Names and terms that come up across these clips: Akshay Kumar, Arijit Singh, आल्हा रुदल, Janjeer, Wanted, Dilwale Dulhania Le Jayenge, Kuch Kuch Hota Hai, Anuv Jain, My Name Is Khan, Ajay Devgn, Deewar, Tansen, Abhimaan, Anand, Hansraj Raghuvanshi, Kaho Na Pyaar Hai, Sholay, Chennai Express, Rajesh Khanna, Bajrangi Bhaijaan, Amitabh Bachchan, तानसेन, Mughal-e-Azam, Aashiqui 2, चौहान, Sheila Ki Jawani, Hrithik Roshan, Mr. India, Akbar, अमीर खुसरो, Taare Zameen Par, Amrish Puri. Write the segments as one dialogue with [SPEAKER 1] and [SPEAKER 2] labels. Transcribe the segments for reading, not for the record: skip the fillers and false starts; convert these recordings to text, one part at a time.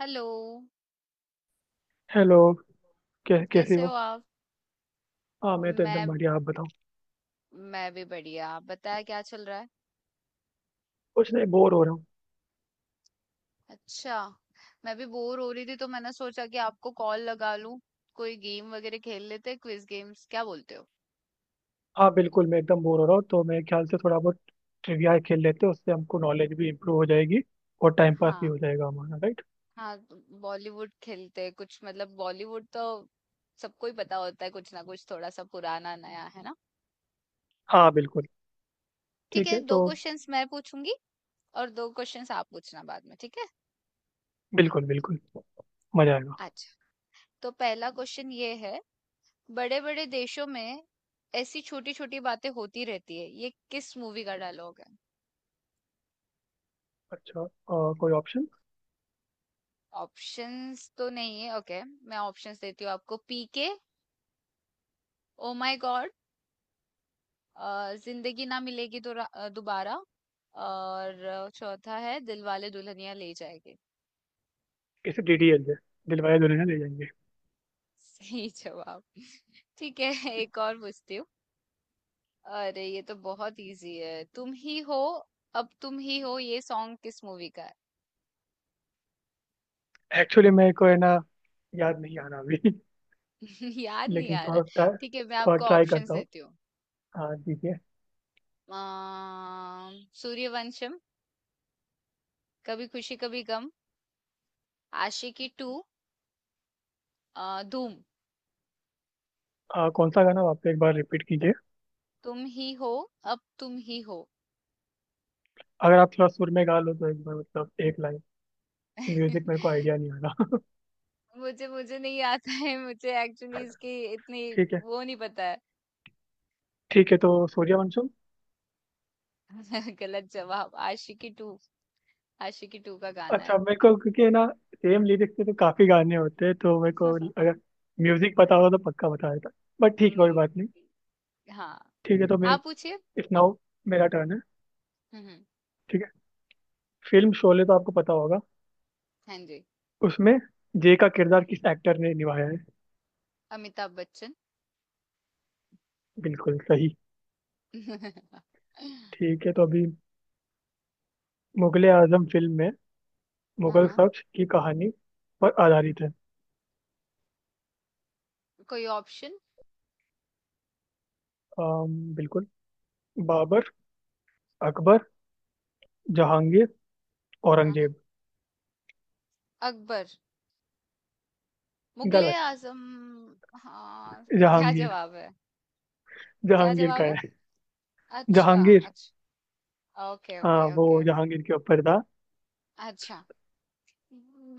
[SPEAKER 1] Hello.
[SPEAKER 2] Hello. कैसे
[SPEAKER 1] कैसे हो
[SPEAKER 2] हो।
[SPEAKER 1] आप।
[SPEAKER 2] हाँ मैं तो एकदम
[SPEAKER 1] मैं
[SPEAKER 2] बढ़िया, आप बताओ।
[SPEAKER 1] मैं भी बढ़िया, आप बताया क्या चल रहा है।
[SPEAKER 2] कुछ नहीं, बोर हो रहा हूँ।
[SPEAKER 1] अच्छा, मैं भी बोर हो रही थी तो मैंने सोचा कि आपको कॉल लगा लूं। कोई गेम वगैरह खेल लेते हैं, क्विज गेम्स, क्या बोलते हो।
[SPEAKER 2] हाँ बिल्कुल, मैं एकदम बोर हो रहा हूँ तो मेरे ख्याल से थोड़ा बहुत ट्रिविया खेल लेते हैं। उससे हमको नॉलेज भी इम्प्रूव हो जाएगी और टाइम पास भी
[SPEAKER 1] हाँ,
[SPEAKER 2] हो जाएगा हमारा, राइट।
[SPEAKER 1] हाँ। बॉलीवुड खेलते हैं कुछ, मतलब बॉलीवुड तो सबको ही पता होता है, कुछ ना कुछ थोड़ा सा पुराना नया, है ना।
[SPEAKER 2] हाँ बिल्कुल।
[SPEAKER 1] ठीक
[SPEAKER 2] ठीक
[SPEAKER 1] है,
[SPEAKER 2] है
[SPEAKER 1] दो
[SPEAKER 2] तो।
[SPEAKER 1] क्वेश्चंस मैं पूछूंगी और दो क्वेश्चंस आप पूछना बाद में, ठीक है।
[SPEAKER 2] बिल्कुल बिल्कुल। मजा आएगा।
[SPEAKER 1] अच्छा, तो पहला क्वेश्चन ये है। बड़े बड़े देशों में ऐसी छोटी छोटी बातें होती रहती है, ये किस मूवी का डायलॉग है।
[SPEAKER 2] अच्छा। कोई ऑप्शन।
[SPEAKER 1] ऑप्शंस तो नहीं है, ओके मैं ऑप्शंस देती हूँ आपको। पीके, ओ माय गॉड, जिंदगी ना मिलेगी दोबारा, और चौथा है दिलवाले दुल्हनिया ले जाएंगे।
[SPEAKER 2] इसे डीडीएल दे, दिलवाले दुल्हनिया ले जाएंगे।
[SPEAKER 1] सही जवाब। ठीक है, एक और पूछती हूँ। अरे ये तो बहुत इजी है, तुम ही हो, अब तुम ही हो, ये सॉन्ग किस मूवी का है।
[SPEAKER 2] एक्चुअली मेरे को है ना, याद नहीं आ रहा अभी।
[SPEAKER 1] याद नहीं
[SPEAKER 2] लेकिन
[SPEAKER 1] आ रहा। ठीक है, मैं
[SPEAKER 2] थोड़ा
[SPEAKER 1] आपको
[SPEAKER 2] ट्राई
[SPEAKER 1] ऑप्शंस
[SPEAKER 2] करता हूँ।
[SPEAKER 1] देती हूँ।
[SPEAKER 2] हाँ ठीक है।
[SPEAKER 1] सूर्यवंशम, कभी खुशी कभी गम, आशिकी टू, धूम।
[SPEAKER 2] कौन सा गाना आप एक बार रिपीट कीजिए।
[SPEAKER 1] तुम ही हो, अब तुम ही हो।
[SPEAKER 2] अगर आप थोड़ा सुर में गा लो तो एक बार, मतलब एक लाइन। म्यूजिक मेरे को आइडिया नहीं आ रहा।
[SPEAKER 1] मुझे मुझे नहीं आता है, मुझे एक्चुअली इसकी इतनी
[SPEAKER 2] ठीक है।
[SPEAKER 1] वो नहीं पता है।
[SPEAKER 2] ठीक है तो सूर्यवंशम।
[SPEAKER 1] गलत जवाब। आशिकी टू, आशिकी टू का गाना
[SPEAKER 2] अच्छा
[SPEAKER 1] है।
[SPEAKER 2] मेरे को क्योंकि है ना, सेम लिरिक्स पे तो काफी गाने होते हैं तो मेरे को अगर म्यूजिक पता होगा तो पक्का बता देता। बट ठीक है, कोई
[SPEAKER 1] अम,
[SPEAKER 2] बात नहीं।
[SPEAKER 1] हाँ,
[SPEAKER 2] ठीक है तो मैं।
[SPEAKER 1] आप पूछिए।
[SPEAKER 2] इस नाउ मेरा टर्न है।
[SPEAKER 1] हम्म हम्म,
[SPEAKER 2] ठीक है। फिल्म शोले तो आपको पता होगा।
[SPEAKER 1] हाँ जी।
[SPEAKER 2] उसमें जय का किरदार किस एक्टर ने निभाया है।
[SPEAKER 1] अमिताभ बच्चन।
[SPEAKER 2] बिल्कुल सही। ठीक है तो अभी, मुगले आजम फिल्म में,
[SPEAKER 1] हाँ,
[SPEAKER 2] मुगल
[SPEAKER 1] हाँ।
[SPEAKER 2] शख्स की कहानी पर आधारित है।
[SPEAKER 1] कोई ऑप्शन।
[SPEAKER 2] बिल्कुल। बाबर, अकबर, जहांगीर,
[SPEAKER 1] हाँ, हाँ।
[SPEAKER 2] औरंगजेब।
[SPEAKER 1] अकबर, मुगले
[SPEAKER 2] गलत।
[SPEAKER 1] आजम। हाँ। क्या
[SPEAKER 2] जहांगीर।
[SPEAKER 1] जवाब है। क्या
[SPEAKER 2] जहांगीर
[SPEAKER 1] जवाब
[SPEAKER 2] का
[SPEAKER 1] है।
[SPEAKER 2] है।
[SPEAKER 1] अच्छा।
[SPEAKER 2] जहांगीर।
[SPEAKER 1] अच्छा, ओके
[SPEAKER 2] हाँ
[SPEAKER 1] ओके
[SPEAKER 2] वो
[SPEAKER 1] ओके।
[SPEAKER 2] जहांगीर के ऊपर था।
[SPEAKER 1] अच्छा,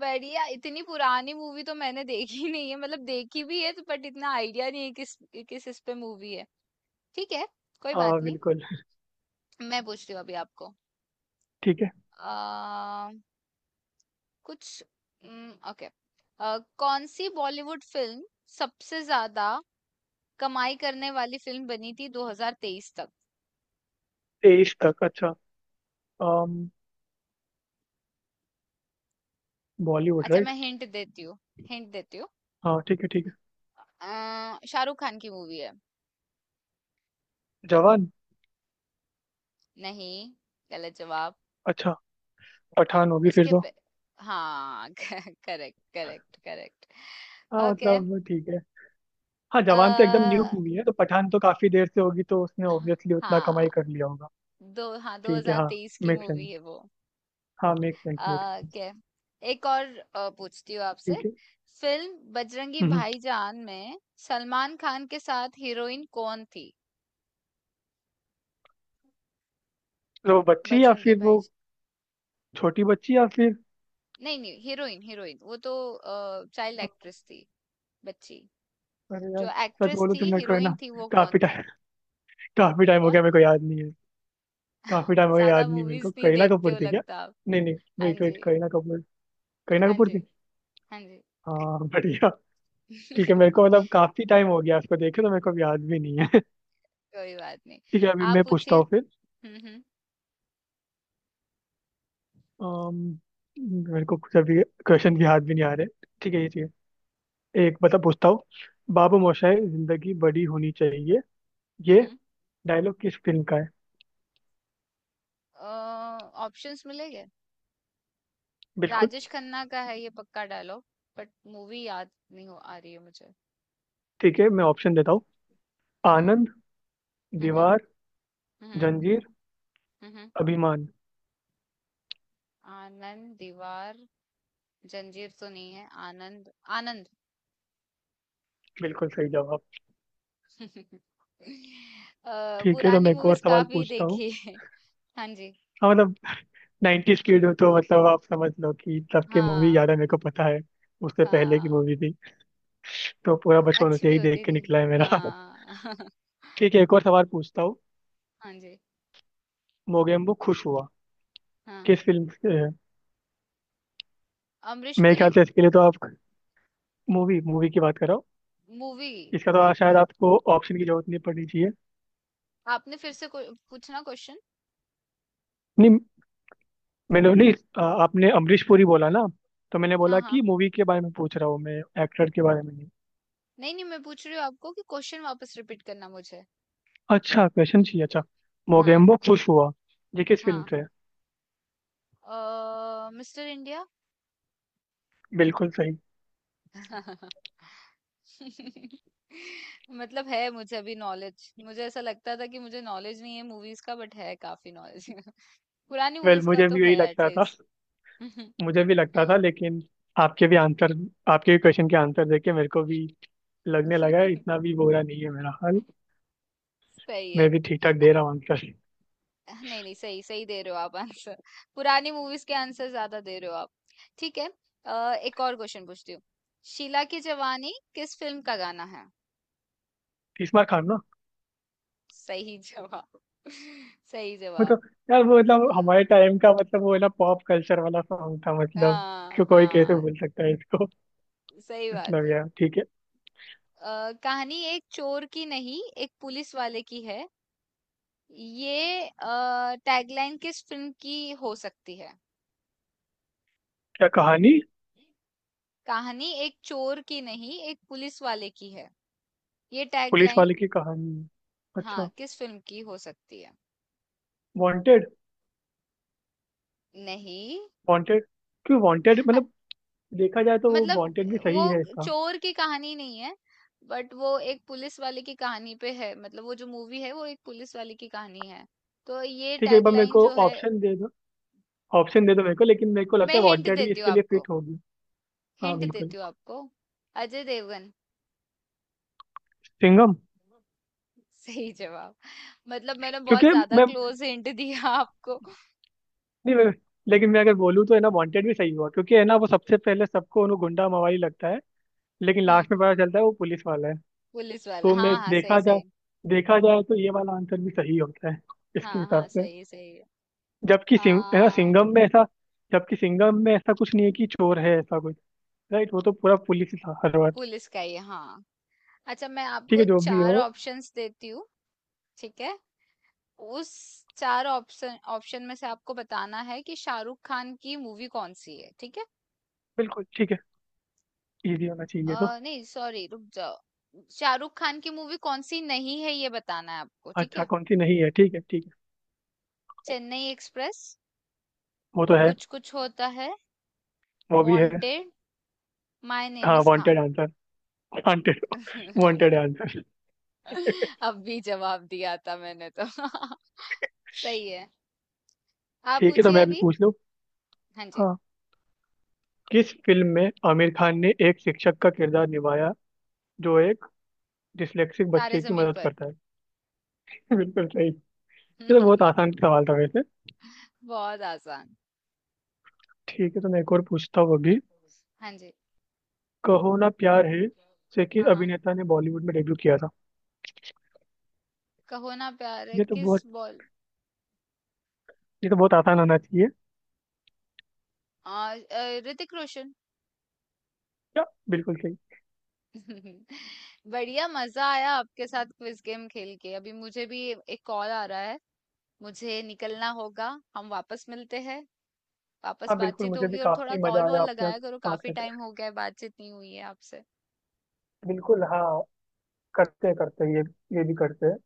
[SPEAKER 1] बढ़िया। इतनी पुरानी मूवी तो मैंने देखी नहीं है, मतलब देखी भी है तो बट इतना आइडिया नहीं है किस किस इस पे मूवी है। ठीक है, कोई
[SPEAKER 2] हाँ
[SPEAKER 1] बात नहीं।
[SPEAKER 2] बिल्कुल।
[SPEAKER 1] मैं पूछती हूँ अभी आपको।
[SPEAKER 2] ठीक है।
[SPEAKER 1] आ, कुछ ओके, कौन सी बॉलीवुड फिल्म सबसे ज्यादा कमाई करने वाली फिल्म बनी थी 2023 तक।
[SPEAKER 2] तेईस तक, अच्छा। बॉलीवुड,
[SPEAKER 1] अच्छा, मैं
[SPEAKER 2] राइट।
[SPEAKER 1] हिंट देती हूँ, हिंट देती हूँ।
[SPEAKER 2] हाँ ठीक है ठीक है।
[SPEAKER 1] शाहरुख खान की मूवी है।
[SPEAKER 2] जवान।
[SPEAKER 1] नहीं, गलत जवाब।
[SPEAKER 2] अच्छा, पठान होगी फिर
[SPEAKER 1] उसके
[SPEAKER 2] तो।
[SPEAKER 1] पे, हाँ। Correct correct correct.
[SPEAKER 2] हाँ
[SPEAKER 1] ओके।
[SPEAKER 2] मतलब ठीक है। हाँ
[SPEAKER 1] अ
[SPEAKER 2] जवान तो एकदम न्यू मूवी है तो पठान तो काफी देर से होगी तो उसने ऑब्वियसली उतना कमाई
[SPEAKER 1] हाँ,
[SPEAKER 2] कर लिया होगा।
[SPEAKER 1] दो हाँ
[SPEAKER 2] ठीक है हाँ।
[SPEAKER 1] 2023 की
[SPEAKER 2] मेक सेंस।
[SPEAKER 1] मूवी है वो।
[SPEAKER 2] हाँ मेक सेंस, मेक
[SPEAKER 1] ओके, एक और पूछती हूँ आपसे।
[SPEAKER 2] ठीक है।
[SPEAKER 1] फिल्म बजरंगी
[SPEAKER 2] हम्म।
[SPEAKER 1] भाईजान में सलमान खान के साथ हीरोइन कौन थी।
[SPEAKER 2] तो वो बच्ची या
[SPEAKER 1] बजरंगी
[SPEAKER 2] फिर वो,
[SPEAKER 1] भाई,
[SPEAKER 2] छोटी बच्ची या फिर।
[SPEAKER 1] नहीं नहीं, हीरोइन, हीरोइन, वो तो चाइल्ड एक्ट्रेस थी, बच्ची।
[SPEAKER 2] अरे यार।
[SPEAKER 1] जो
[SPEAKER 2] सच
[SPEAKER 1] एक्ट्रेस
[SPEAKER 2] बोलो
[SPEAKER 1] थी,
[SPEAKER 2] तो मेरे को है ना,
[SPEAKER 1] हीरोइन थी, वो कौन
[SPEAKER 2] काफी
[SPEAKER 1] थी।
[SPEAKER 2] टाइम काफी टाइम हो
[SPEAKER 1] कौन।
[SPEAKER 2] गया, मेरे को याद नहीं है। काफी टाइम हो गया,
[SPEAKER 1] ज्यादा
[SPEAKER 2] याद नहीं। मेरे को
[SPEAKER 1] मूवीज नहीं
[SPEAKER 2] करीना
[SPEAKER 1] देखते
[SPEAKER 2] कपूर
[SPEAKER 1] हो
[SPEAKER 2] थी क्या।
[SPEAKER 1] लगता आप।
[SPEAKER 2] नहीं नहीं।
[SPEAKER 1] हाँ
[SPEAKER 2] वेट वेट,
[SPEAKER 1] जी।
[SPEAKER 2] करीना कपूर। करीना
[SPEAKER 1] हाँ
[SPEAKER 2] कपूर
[SPEAKER 1] जी,
[SPEAKER 2] थी।
[SPEAKER 1] हाँ जी।
[SPEAKER 2] हाँ बढ़िया। ठीक है, मेरे को मतलब काफी टाइम हो गया उसको देखे तो मेरे को अब याद भी नहीं है।
[SPEAKER 1] कोई बात नहीं।
[SPEAKER 2] ठीक है, अभी
[SPEAKER 1] आप
[SPEAKER 2] मैं
[SPEAKER 1] पूछिए।
[SPEAKER 2] पूछता हूँ फिर।
[SPEAKER 1] हम्म हम्म
[SPEAKER 2] अम, मेरे को कुछ अभी क्वेश्चन भी याद भी नहीं आ रहे। ठीक है, ये ठीक है एक बता पूछता हूँ। बाबू मोशाय, जिंदगी बड़ी होनी चाहिए, ये
[SPEAKER 1] हम्म
[SPEAKER 2] डायलॉग किस फिल्म का है।
[SPEAKER 1] ऑप्शंस मिलेंगे।
[SPEAKER 2] बिल्कुल।
[SPEAKER 1] राजेश खन्ना का है ये, पक्का डायलॉग, बट मूवी याद नहीं हो आ रही है मुझे।
[SPEAKER 2] ठीक है, मैं ऑप्शन देता हूँ।
[SPEAKER 1] हम्म हम्म
[SPEAKER 2] आनंद,
[SPEAKER 1] हम्म
[SPEAKER 2] दीवार,
[SPEAKER 1] हम्म
[SPEAKER 2] जंजीर,
[SPEAKER 1] हम्म, हम्म।
[SPEAKER 2] अभिमान।
[SPEAKER 1] आनंद, दीवार, जंजीर तो नहीं है, आनंद, आनंद।
[SPEAKER 2] बिल्कुल सही जवाब।
[SPEAKER 1] अ,
[SPEAKER 2] ठीक है तो
[SPEAKER 1] पुरानी
[SPEAKER 2] मैं एक और
[SPEAKER 1] मूवीज
[SPEAKER 2] सवाल
[SPEAKER 1] काफी
[SPEAKER 2] पूछता हूँ।
[SPEAKER 1] देखी है। हाँ जी।
[SPEAKER 2] हाँ मतलब, 90s किड हो तो मतलब आप समझ लो कि तब की मूवी
[SPEAKER 1] हाँ,
[SPEAKER 2] याद है, मेरे को पता है। उससे पहले की
[SPEAKER 1] हाँ।
[SPEAKER 2] मूवी थी तो पूरा
[SPEAKER 1] उस
[SPEAKER 2] बचपन
[SPEAKER 1] अच्छी
[SPEAKER 2] उसे
[SPEAKER 1] भी
[SPEAKER 2] ही देख
[SPEAKER 1] होती
[SPEAKER 2] के
[SPEAKER 1] थी।
[SPEAKER 2] निकला है मेरा।
[SPEAKER 1] हाँ।
[SPEAKER 2] ठीक है, एक और सवाल पूछता हूँ।
[SPEAKER 1] हाँ जी,
[SPEAKER 2] मोगेम्बो खुश हुआ,
[SPEAKER 1] हाँ।
[SPEAKER 2] किस फिल्म से है?
[SPEAKER 1] अमरीश
[SPEAKER 2] मेरे ख्याल
[SPEAKER 1] पुरी।
[SPEAKER 2] से इसके लिए तो आप, मूवी मूवी की बात करो।
[SPEAKER 1] मूवी।
[SPEAKER 2] इसका तो
[SPEAKER 1] अ,
[SPEAKER 2] शायद आपको ऑप्शन की जरूरत नहीं पड़नी चाहिए।
[SPEAKER 1] आपने फिर से कोई पूछना क्वेश्चन?
[SPEAKER 2] नहीं, मैंने नहीं। आपने अमरीश पुरी बोला ना, तो मैंने
[SPEAKER 1] हाँ,
[SPEAKER 2] बोला कि
[SPEAKER 1] हाँ।
[SPEAKER 2] मूवी के बारे में पूछ रहा हूँ मैं, एक्टर के बारे में।
[SPEAKER 1] नहीं-नहीं, मैं पूछ रही हूँ आपको कि क्वेश्चन वापस रिपीट करना मुझे।
[SPEAKER 2] अच्छा क्वेश्चन चाहिए, अच्छा।
[SPEAKER 1] हाँ,
[SPEAKER 2] मोगेम्बो खुश हुआ, ये किस फिल्म
[SPEAKER 1] हाँ।
[SPEAKER 2] से है।
[SPEAKER 1] Mister India?
[SPEAKER 2] बिल्कुल सही।
[SPEAKER 1] मतलब है मुझे अभी नॉलेज। मुझे ऐसा लगता था कि मुझे नॉलेज नहीं है मूवीज़ का, बट है काफ़ी नॉलेज। पुरानी
[SPEAKER 2] वेल,
[SPEAKER 1] मूवीज़ का
[SPEAKER 2] मुझे
[SPEAKER 1] तो
[SPEAKER 2] भी यही
[SPEAKER 1] है एट
[SPEAKER 2] लगता था।
[SPEAKER 1] लीस्ट।
[SPEAKER 2] मुझे भी लगता था लेकिन आपके भी आंसर, आपके भी क्वेश्चन के आंसर देके मेरे को भी लगने लगा है, इतना भी बुरा नहीं है मेरा हाल।
[SPEAKER 1] सही है।
[SPEAKER 2] मैं भी ठीक ठाक
[SPEAKER 1] अ-
[SPEAKER 2] दे रहा हूँ आंसर।
[SPEAKER 1] नहीं नहीं, सही सही दे रहे हो आप आंसर। पुरानी मूवीज के आंसर ज्यादा दे रहे हो आप। ठीक है, एक और क्वेश्चन पूछती हूँ। शीला की जवानी किस फिल्म का गाना है।
[SPEAKER 2] तीसरा खान ना।
[SPEAKER 1] सही जवाब। सही
[SPEAKER 2] वो तो
[SPEAKER 1] जवाब।
[SPEAKER 2] यार, वो मतलब
[SPEAKER 1] अ,
[SPEAKER 2] हमारे टाइम का, मतलब वो है ना पॉप कल्चर वाला सॉन्ग था मतलब।
[SPEAKER 1] हाँ,
[SPEAKER 2] क्यों, कोई कैसे
[SPEAKER 1] हाँ,
[SPEAKER 2] भूल सकता है इसको।
[SPEAKER 1] सही बात
[SPEAKER 2] मतलब
[SPEAKER 1] है।
[SPEAKER 2] यार ठीक है।
[SPEAKER 1] कहानी एक चोर की नहीं एक पुलिस वाले की है, ये टैगलाइन किस फिल्म की हो सकती है।
[SPEAKER 2] क्या कहानी?
[SPEAKER 1] कहानी एक चोर की नहीं एक पुलिस वाले की है, ये
[SPEAKER 2] पुलिस
[SPEAKER 1] टैगलाइन।
[SPEAKER 2] वाले की कहानी,
[SPEAKER 1] हाँ,
[SPEAKER 2] अच्छा।
[SPEAKER 1] किस फिल्म की हो सकती है?
[SPEAKER 2] वांटेड।
[SPEAKER 1] नहीं।
[SPEAKER 2] वांटेड। क्यों वांटेड
[SPEAKER 1] अ,
[SPEAKER 2] मतलब, देखा जाए तो वो वांटेड भी
[SPEAKER 1] मतलब,
[SPEAKER 2] सही है
[SPEAKER 1] वो
[SPEAKER 2] इसका।
[SPEAKER 1] चोर की कहानी नहीं है, बट वो एक पुलिस वाले की कहानी पे है, मतलब वो जो मूवी है वो एक पुलिस वाले की कहानी है, तो ये
[SPEAKER 2] ठीक है, एक बार मेरे
[SPEAKER 1] टैगलाइन
[SPEAKER 2] को
[SPEAKER 1] जो है।
[SPEAKER 2] ऑप्शन दे दो। ऑप्शन दे दो मेरे को, लेकिन मेरे को
[SPEAKER 1] मैं
[SPEAKER 2] लगता है
[SPEAKER 1] हिंट
[SPEAKER 2] वांटेड भी
[SPEAKER 1] देती हूँ
[SPEAKER 2] इसके लिए
[SPEAKER 1] आपको,
[SPEAKER 2] फिट होगी। हाँ
[SPEAKER 1] हिंट
[SPEAKER 2] बिल्कुल।
[SPEAKER 1] देती हूँ आपको। अजय देवगन।
[SPEAKER 2] सिंघम।
[SPEAKER 1] सही जवाब। मतलब मैंने बहुत
[SPEAKER 2] क्योंकि
[SPEAKER 1] ज्यादा
[SPEAKER 2] मैं
[SPEAKER 1] क्लोज हिंट दिया आपको।
[SPEAKER 2] नहीं मैं, लेकिन मैं अगर बोलूँ तो है ना, वांटेड भी सही हुआ क्योंकि है ना वो सबसे पहले सबको उन्हें गुंडा मवाली लगता है, लेकिन
[SPEAKER 1] हम्म,
[SPEAKER 2] लास्ट में पता चलता है वो पुलिस वाला है।
[SPEAKER 1] पुलिस वाला,
[SPEAKER 2] तो मैं,
[SPEAKER 1] हाँ हाँ सही सही।
[SPEAKER 2] देखा जाए तो ये वाला आंसर भी सही होता है इसके
[SPEAKER 1] हाँ हाँ
[SPEAKER 2] हिसाब से।
[SPEAKER 1] सही सही।
[SPEAKER 2] जबकि
[SPEAKER 1] आ,
[SPEAKER 2] सिंह है ना सिंघम में ऐसा, जबकि सिंघम में ऐसा कुछ नहीं है कि चोर है ऐसा कुछ। राइट, वो तो पूरा पुलिस ही था हर बार।
[SPEAKER 1] पुलिस का ही है, हाँ। अच्छा, मैं
[SPEAKER 2] ठीक
[SPEAKER 1] आपको
[SPEAKER 2] है जो भी
[SPEAKER 1] चार
[SPEAKER 2] हो।
[SPEAKER 1] ऑप्शंस देती हूँ। ठीक है, उस चार ऑप्शन ऑप्शन में से आपको बताना है कि शाहरुख खान की मूवी कौन सी है, ठीक है।
[SPEAKER 2] बिल्कुल ठीक है, इजी होना चाहिए तो।
[SPEAKER 1] नहीं सॉरी, रुक जाओ। शाहरुख खान की मूवी कौन सी नहीं है ये बताना है आपको, ठीक
[SPEAKER 2] अच्छा
[SPEAKER 1] है।
[SPEAKER 2] कौन सी नहीं है, ठीक है ठीक है।
[SPEAKER 1] चेन्नई एक्सप्रेस,
[SPEAKER 2] वो तो है।
[SPEAKER 1] कुछ कुछ होता है,
[SPEAKER 2] वो भी है।
[SPEAKER 1] वांटेड, माय नेम
[SPEAKER 2] हाँ
[SPEAKER 1] is
[SPEAKER 2] wanted
[SPEAKER 1] Khan.
[SPEAKER 2] Answer. Wanted. Wanted answer.
[SPEAKER 1] अब भी जवाब दिया था मैंने तो। सही है। आप
[SPEAKER 2] ठीक है तो
[SPEAKER 1] पूछिए
[SPEAKER 2] मैं भी
[SPEAKER 1] अभी।
[SPEAKER 2] पूछ लूँ।
[SPEAKER 1] हाँ जी।
[SPEAKER 2] हाँ। किस फिल्म में आमिर खान ने एक शिक्षक का किरदार निभाया, जो एक डिस्लेक्सिक
[SPEAKER 1] तारे
[SPEAKER 2] बच्चे की
[SPEAKER 1] जमीन
[SPEAKER 2] मदद
[SPEAKER 1] पर।
[SPEAKER 2] करता है। बिल्कुल सही। ये तो बहुत आसान सवाल था वैसे।
[SPEAKER 1] बहुत आसान।
[SPEAKER 2] ठीक है तो मैं एक और पूछता हूँ अभी।
[SPEAKER 1] हाँ जी।
[SPEAKER 2] कहो ना प्यार है से किस
[SPEAKER 1] हाँ हाँ,
[SPEAKER 2] अभिनेता ने बॉलीवुड में डेब्यू किया था।
[SPEAKER 1] कहो ना प्यार है
[SPEAKER 2] ये तो
[SPEAKER 1] किस
[SPEAKER 2] बहुत
[SPEAKER 1] बॉल।
[SPEAKER 2] ये तो बहुत आसान होना चाहिए।
[SPEAKER 1] ऋतिक रोशन।
[SPEAKER 2] क्या? बिल्कुल सही।
[SPEAKER 1] बढ़िया, मजा आया आपके साथ क्विज गेम खेल के। अभी मुझे भी एक कॉल आ रहा है, मुझे निकलना होगा। हम वापस मिलते हैं, वापस
[SPEAKER 2] हाँ बिल्कुल,
[SPEAKER 1] बातचीत
[SPEAKER 2] मुझे भी
[SPEAKER 1] होगी, और थोड़ा
[SPEAKER 2] काफी मजा
[SPEAKER 1] कॉल वॉल
[SPEAKER 2] आया आपसे
[SPEAKER 1] लगाया करो,
[SPEAKER 2] बात
[SPEAKER 1] काफी
[SPEAKER 2] करके।
[SPEAKER 1] टाइम हो गया है बातचीत नहीं हुई है आपसे।
[SPEAKER 2] बिल्कुल हाँ। करते हैं ये भी करते हैं।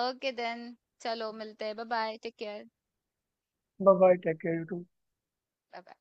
[SPEAKER 1] ओके देन, चलो मिलते हैं, bye bye, take care.
[SPEAKER 2] Bye bye, take care you.
[SPEAKER 1] Bye.